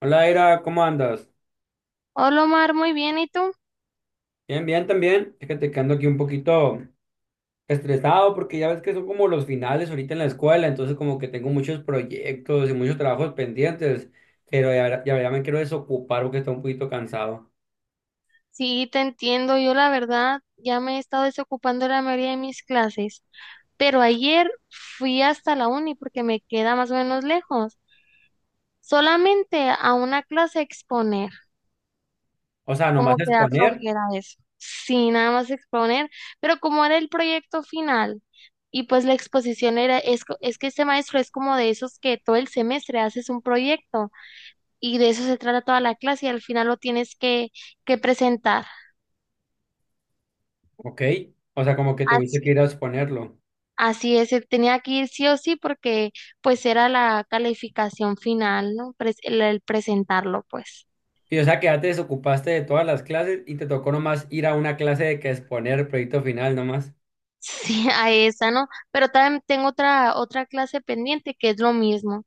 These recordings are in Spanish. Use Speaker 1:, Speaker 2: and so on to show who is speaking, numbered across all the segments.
Speaker 1: Hola, Ira, ¿cómo andas?
Speaker 2: Hola Omar, muy bien, ¿y tú?
Speaker 1: Bien, bien, también. Fíjate que ando aquí un poquito estresado porque ya ves que son como los finales ahorita en la escuela, entonces como que tengo muchos proyectos y muchos trabajos pendientes, pero ya, ya, ya me quiero desocupar porque estoy un poquito cansado.
Speaker 2: Sí, te entiendo, yo la verdad ya me he estado desocupando la mayoría de mis clases, pero ayer fui hasta la uni porque me queda más o menos lejos, solamente a una clase a exponer,
Speaker 1: O sea, nomás
Speaker 2: como que da
Speaker 1: exponer,
Speaker 2: flojera eso, sí, nada más exponer, pero como era el proyecto final y pues la exposición es que este maestro es como de esos que todo el semestre haces un proyecto y de eso se trata toda la clase y al final lo tienes que presentar.
Speaker 1: ok. O sea, como que tuviste que
Speaker 2: Así,
Speaker 1: ir a exponerlo.
Speaker 2: así es, él tenía que ir sí o sí porque pues era la calificación final, ¿no? El presentarlo, pues.
Speaker 1: Y o sea, que ya te desocupaste de todas las clases y te tocó nomás ir a una clase de que exponer el proyecto final nomás.
Speaker 2: Sí, a esa, ¿no? Pero también tengo otra clase pendiente que es lo mismo,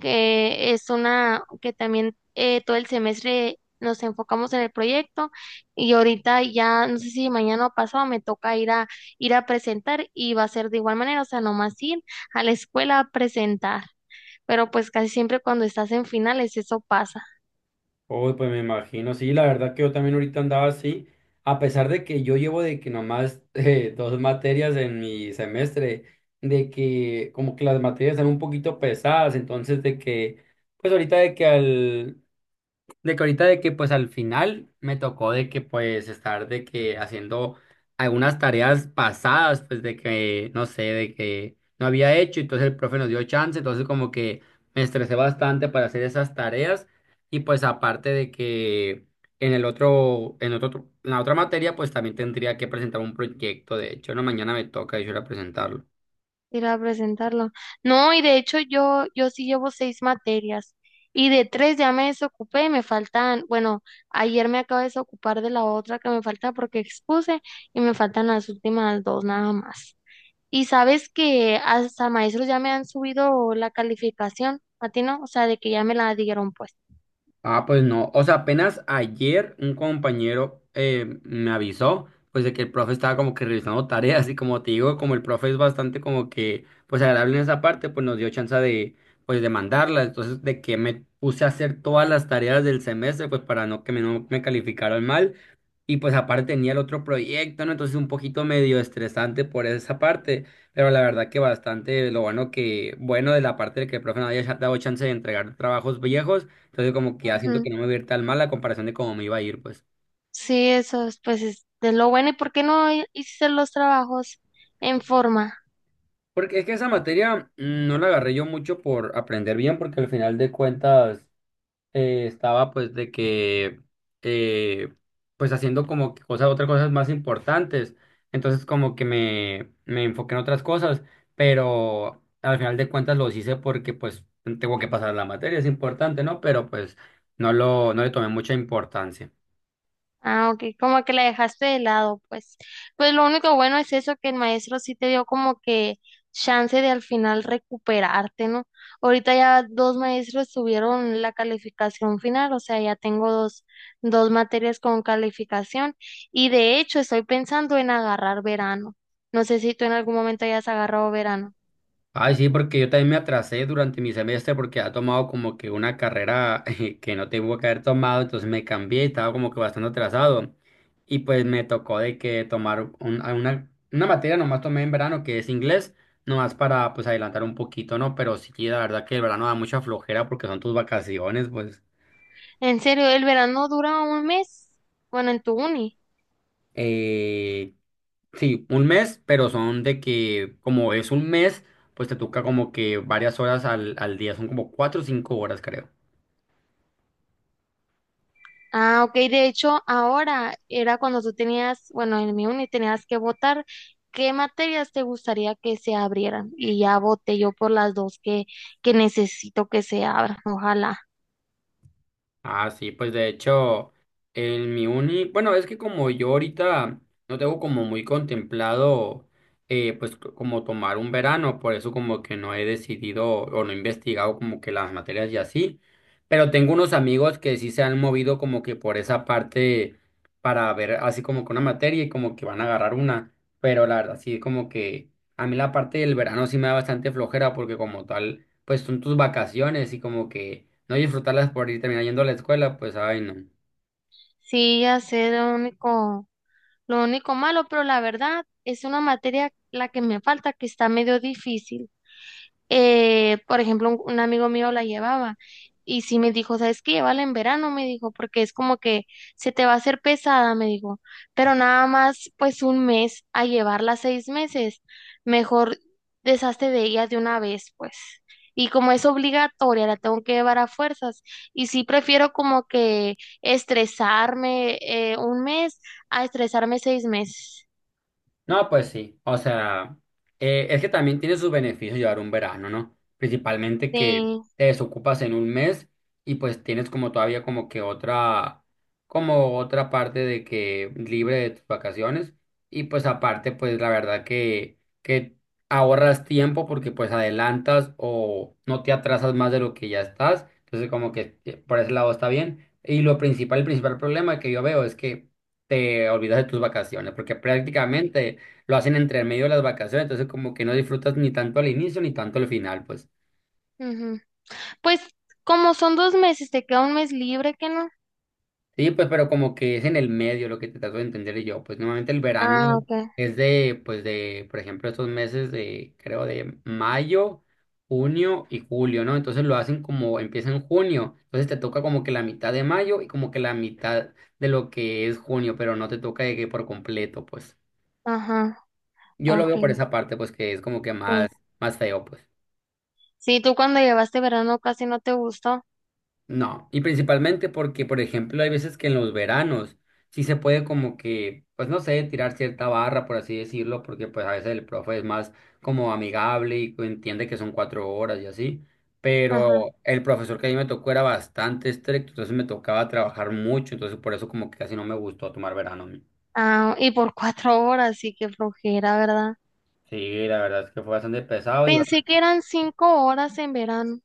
Speaker 2: que es una que también todo el semestre nos enfocamos en el proyecto y ahorita ya no sé si mañana o pasado me toca ir a presentar y va a ser de igual manera, o sea, nomás ir a la escuela a presentar. Pero pues casi siempre cuando estás en finales eso pasa.
Speaker 1: Uy, pues me imagino, sí, la verdad que yo también ahorita andaba así, a pesar de que yo llevo de que nomás dos materias en mi semestre, de que como que las materias están un poquito pesadas, entonces de que, pues ahorita de que al, de que ahorita de que pues al final me tocó de que pues estar de que haciendo algunas tareas pasadas, pues de que no sé, de que no había hecho, entonces el profe nos dio chance, entonces como que me estresé bastante para hacer esas tareas y pues aparte de que en el otro, en otro, en la otra materia pues también tendría que presentar un proyecto, de hecho, no, mañana me toca yo ir a presentarlo.
Speaker 2: Ir a presentarlo. No, y de hecho yo sí llevo seis materias y de tres ya me desocupé, me faltan, bueno, ayer me acabo de desocupar de la otra que me falta porque expuse y me faltan las últimas dos nada más. Y sabes que hasta maestros ya me han subido la calificación, a ti no, o sea, de que ya me la dieron pues.
Speaker 1: Ah, pues no. O sea, apenas ayer un compañero me avisó, pues de que el profe estaba como que revisando tareas y como te digo, como el profe es bastante como que, pues agradable en esa parte, pues nos dio chance de, pues de mandarla. Entonces, de que me puse a hacer todas las tareas del semestre, pues para no me calificaran mal. Y pues aparte tenía el otro proyecto, ¿no? Entonces un poquito medio estresante por esa parte, pero la verdad que bastante lo bueno que, bueno de la parte de que el profe no haya dado chance de entregar trabajos viejos, entonces como que ya siento
Speaker 2: Ujú.
Speaker 1: que no me va a ir tan mal la comparación de cómo me iba a ir, pues.
Speaker 2: Sí, eso es, pues es de lo bueno. ¿Y por qué no hiciste los trabajos en forma?
Speaker 1: Porque es que esa materia no la agarré yo mucho por aprender bien, porque al final de cuentas estaba pues de que eh, pues haciendo como que cosas, otras cosas más importantes. Entonces como que me enfoqué en otras cosas, pero al final de cuentas los hice porque pues tengo que pasar la materia, es importante, ¿no? Pero pues no le tomé mucha importancia.
Speaker 2: Ah, ok, como que la dejaste de lado, pues. Pues lo único bueno es eso, que el maestro sí te dio como que chance de al final recuperarte, ¿no? Ahorita ya dos maestros subieron la calificación final, o sea, ya tengo dos materias con calificación y de hecho estoy pensando en agarrar verano. No sé si tú en algún momento hayas agarrado verano.
Speaker 1: Ay, sí, porque yo también me atrasé durante mi semestre porque ha tomado como que una carrera que no tengo que haber tomado, entonces me cambié y estaba como que bastante atrasado. Y pues me tocó de que tomar una materia nomás tomé en verano que es inglés, nomás para pues adelantar un poquito, ¿no? Pero sí, la verdad que el verano da mucha flojera porque son tus vacaciones, pues
Speaker 2: En serio, ¿el verano dura un mes? Bueno, en tu uni.
Speaker 1: eh, sí, un mes, pero son de que como es un mes, pues te toca como que varias horas al día, son como cuatro o cinco horas, creo.
Speaker 2: Ah, ok. De hecho, ahora era cuando tú tenías, bueno, en mi uni tenías que votar qué materias te gustaría que se abrieran. Y ya voté yo por que necesito que se abran. Ojalá.
Speaker 1: Ah, sí, pues de hecho, en mi uni, bueno, es que como yo ahorita no tengo como muy contemplado, pues como tomar un verano, por eso como que no he decidido o no he investigado como que las materias y así, pero tengo unos amigos que sí se han movido como que por esa parte para ver así como que una materia y como que van a agarrar una, pero la verdad sí como que a mí la parte del verano sí me da bastante flojera porque como tal pues son tus vacaciones y como que no disfrutarlas por ir terminando yendo a la escuela, pues ay no.
Speaker 2: Sí, ya sé lo único malo, pero la verdad es una materia la que me falta que está medio difícil. Por ejemplo, un amigo mío la llevaba y sí me dijo, ¿sabes qué? Llévala en verano, me dijo, porque es como que se te va a hacer pesada, me dijo, pero nada más pues un mes a llevarla seis meses, mejor deshazte de ella de una vez, pues. Y como es obligatoria, la tengo que llevar a fuerzas. Y sí prefiero como que estresarme un mes a estresarme seis meses.
Speaker 1: No, pues sí. O sea, es que también tiene sus beneficios llevar un verano, ¿no? Principalmente que
Speaker 2: Sí.
Speaker 1: te desocupas en un mes y pues tienes como todavía como que otra, como otra parte de que libre de tus vacaciones. Y pues aparte, pues la verdad que ahorras tiempo porque pues adelantas o no te atrasas más de lo que ya estás. Entonces como que por ese lado está bien. Y lo principal, el principal problema que yo veo es que te olvidas de tus vacaciones, porque prácticamente lo hacen entre medio de las vacaciones, entonces como que no disfrutas ni tanto al inicio ni tanto al final, pues.
Speaker 2: Ujú. Pues como son dos meses, te queda un mes libre, que ¿no?
Speaker 1: Sí, pues, pero como que es en el medio lo que te trato de entender yo, pues normalmente el verano
Speaker 2: Ah, ok.
Speaker 1: es de, pues de, por ejemplo, estos meses de, creo, de mayo, junio y julio, ¿no? Entonces lo hacen como, empieza en junio, entonces te toca como que la mitad de mayo y como que la mitad de lo que es junio, pero no te toca de que por completo, pues.
Speaker 2: Ajá,
Speaker 1: Yo lo
Speaker 2: ok.
Speaker 1: veo por esa parte, pues que es como que más,
Speaker 2: Sí.
Speaker 1: más feo, pues.
Speaker 2: Sí, tú cuando llevaste verano casi no te gustó.
Speaker 1: No, y principalmente porque, por ejemplo, hay veces que en los veranos sí se puede como que, pues no sé, tirar cierta barra, por así decirlo, porque pues a veces el profe es más como amigable y entiende que son cuatro horas y así,
Speaker 2: Ajá.
Speaker 1: pero el profesor que a mí me tocó era bastante estricto, entonces me tocaba trabajar mucho, entonces por eso como que casi no me gustó tomar verano. A mí.
Speaker 2: Ah, y por cuatro horas, sí que flojera, ¿verdad?
Speaker 1: Sí, la verdad es que fue bastante pesado y
Speaker 2: Pensé que
Speaker 1: bastante...
Speaker 2: eran cinco horas en verano.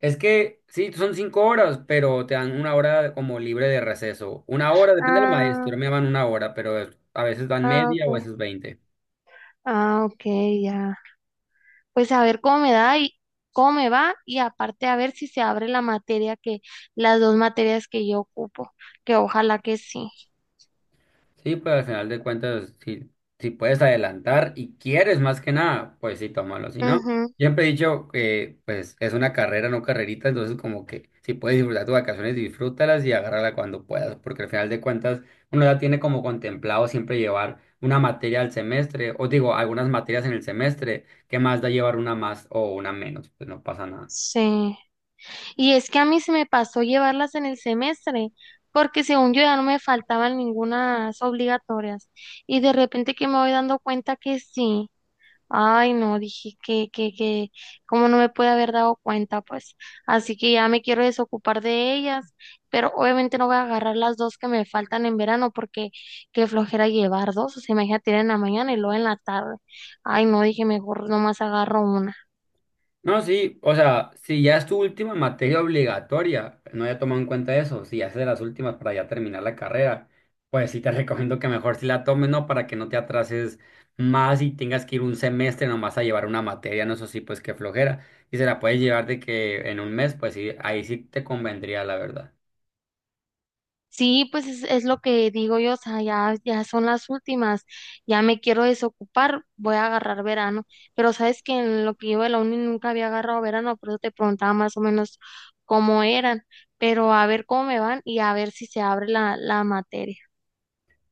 Speaker 1: Es que sí, son cinco horas, pero te dan una hora como libre de receso. Una hora, depende del
Speaker 2: Ah,
Speaker 1: maestro, me daban una hora, pero a veces dan
Speaker 2: ah,
Speaker 1: media o a
Speaker 2: ok.
Speaker 1: veces veinte.
Speaker 2: Ah, ok, ya. Pues a ver cómo me da y cómo me va y aparte a ver si se abre las dos materias que yo ocupo, que ojalá que sí.
Speaker 1: Sí, pues al final de cuentas, si puedes adelantar y quieres más que nada, pues sí, tómalo. Si no,
Speaker 2: Ujú,
Speaker 1: siempre he dicho que pues es una carrera, no carrerita, entonces como que si puedes disfrutar tus vacaciones, disfrútalas y agárrala cuando puedas, porque al final de cuentas uno ya tiene como contemplado siempre llevar una materia al semestre, o digo, algunas materias en el semestre, ¿qué más da llevar una más o una menos? Pues no pasa nada.
Speaker 2: sí. Y es que a mí se me pasó llevarlas en el semestre, porque según yo ya no me faltaban ningunas obligatorias. Y de repente que me voy dando cuenta que sí. Ay, no, dije cómo no me puede haber dado cuenta, pues. Así que ya me quiero desocupar de ellas, pero obviamente no voy a agarrar las dos que me faltan en verano, porque qué flojera llevar dos, o sea, imagínate ir en la mañana y luego en la tarde. Ay, no, dije mejor nomás agarro una.
Speaker 1: No, sí, o sea, si ya es tu última materia obligatoria, no haya tomado en cuenta eso, si ya es de las últimas para ya terminar la carrera, pues sí te recomiendo que mejor sí la tomes, ¿no? Para que no te atrases más y tengas que ir un semestre nomás a llevar una materia, no, eso sí, pues qué flojera. Y se la puedes llevar de que en un mes, pues sí, ahí sí te convendría, la verdad.
Speaker 2: Sí, pues es lo que digo yo, o sea, ya son las últimas, ya me quiero desocupar, voy a agarrar verano, pero sabes que en lo que yo de la uni nunca había agarrado verano, por eso te preguntaba más o menos cómo eran, pero a ver cómo me van y a ver si se abre la materia.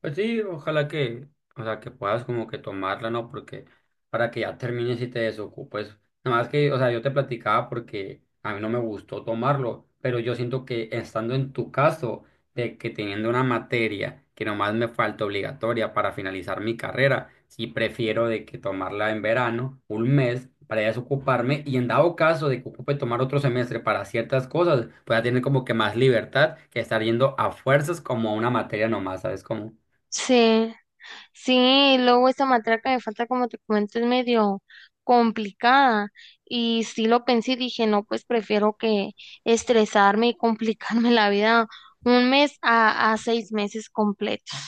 Speaker 1: Pues sí, ojalá que, o sea, que puedas como que tomarla, ¿no? Porque para que ya termines y te desocupes. Nada más que, o sea, yo te platicaba porque a mí no me gustó tomarlo, pero yo siento que estando en tu caso, de que teniendo una materia que nomás me falta obligatoria para finalizar mi carrera, sí prefiero de que tomarla en verano, un mes, para ya desocuparme y en dado caso de que ocupe tomar otro semestre para ciertas cosas, pues ya tener como que más libertad que estar yendo a fuerzas como a una materia nomás, ¿sabes cómo?
Speaker 2: Sí. Sí, luego esa matraca de falta, como te comento, es medio complicada. Y sí lo pensé y dije, no, pues prefiero que estresarme y complicarme la vida un mes a seis meses completos.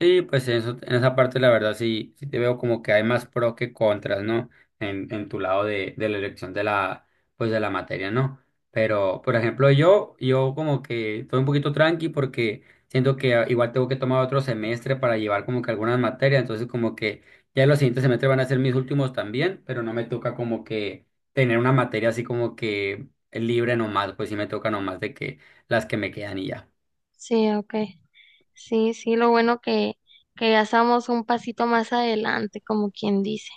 Speaker 1: Sí, pues en eso, en esa parte la verdad sí, sí te veo como que hay más pro que contras, ¿no? En tu lado de la elección de la, pues de la materia, ¿no? Pero, por ejemplo, yo como que estoy un poquito tranqui porque siento que ah, igual tengo que tomar otro semestre para llevar como que algunas materias, entonces como que ya los siguientes semestres van a ser mis últimos también, pero no me toca como que tener una materia así como que libre nomás, pues sí me toca nomás de que las que me quedan y ya.
Speaker 2: Sí, ok. Sí, sí, lo bueno que ya estamos un pasito más adelante, como quien dice.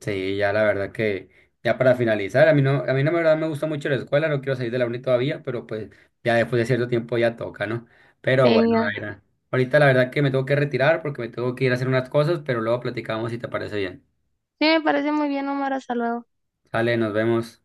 Speaker 1: Sí, ya la verdad que, ya para finalizar, a mí no, la verdad me gusta mucho la escuela, no quiero salir de la uni todavía, pero pues ya después de cierto tiempo ya toca, ¿no? Pero
Speaker 2: Sí,
Speaker 1: bueno,
Speaker 2: ya.
Speaker 1: Daira, ahorita la verdad que me tengo que retirar porque me tengo que ir a hacer unas cosas, pero luego platicamos si te parece bien.
Speaker 2: Sí, me parece muy bien, Omar, hasta luego.
Speaker 1: Sale, nos vemos.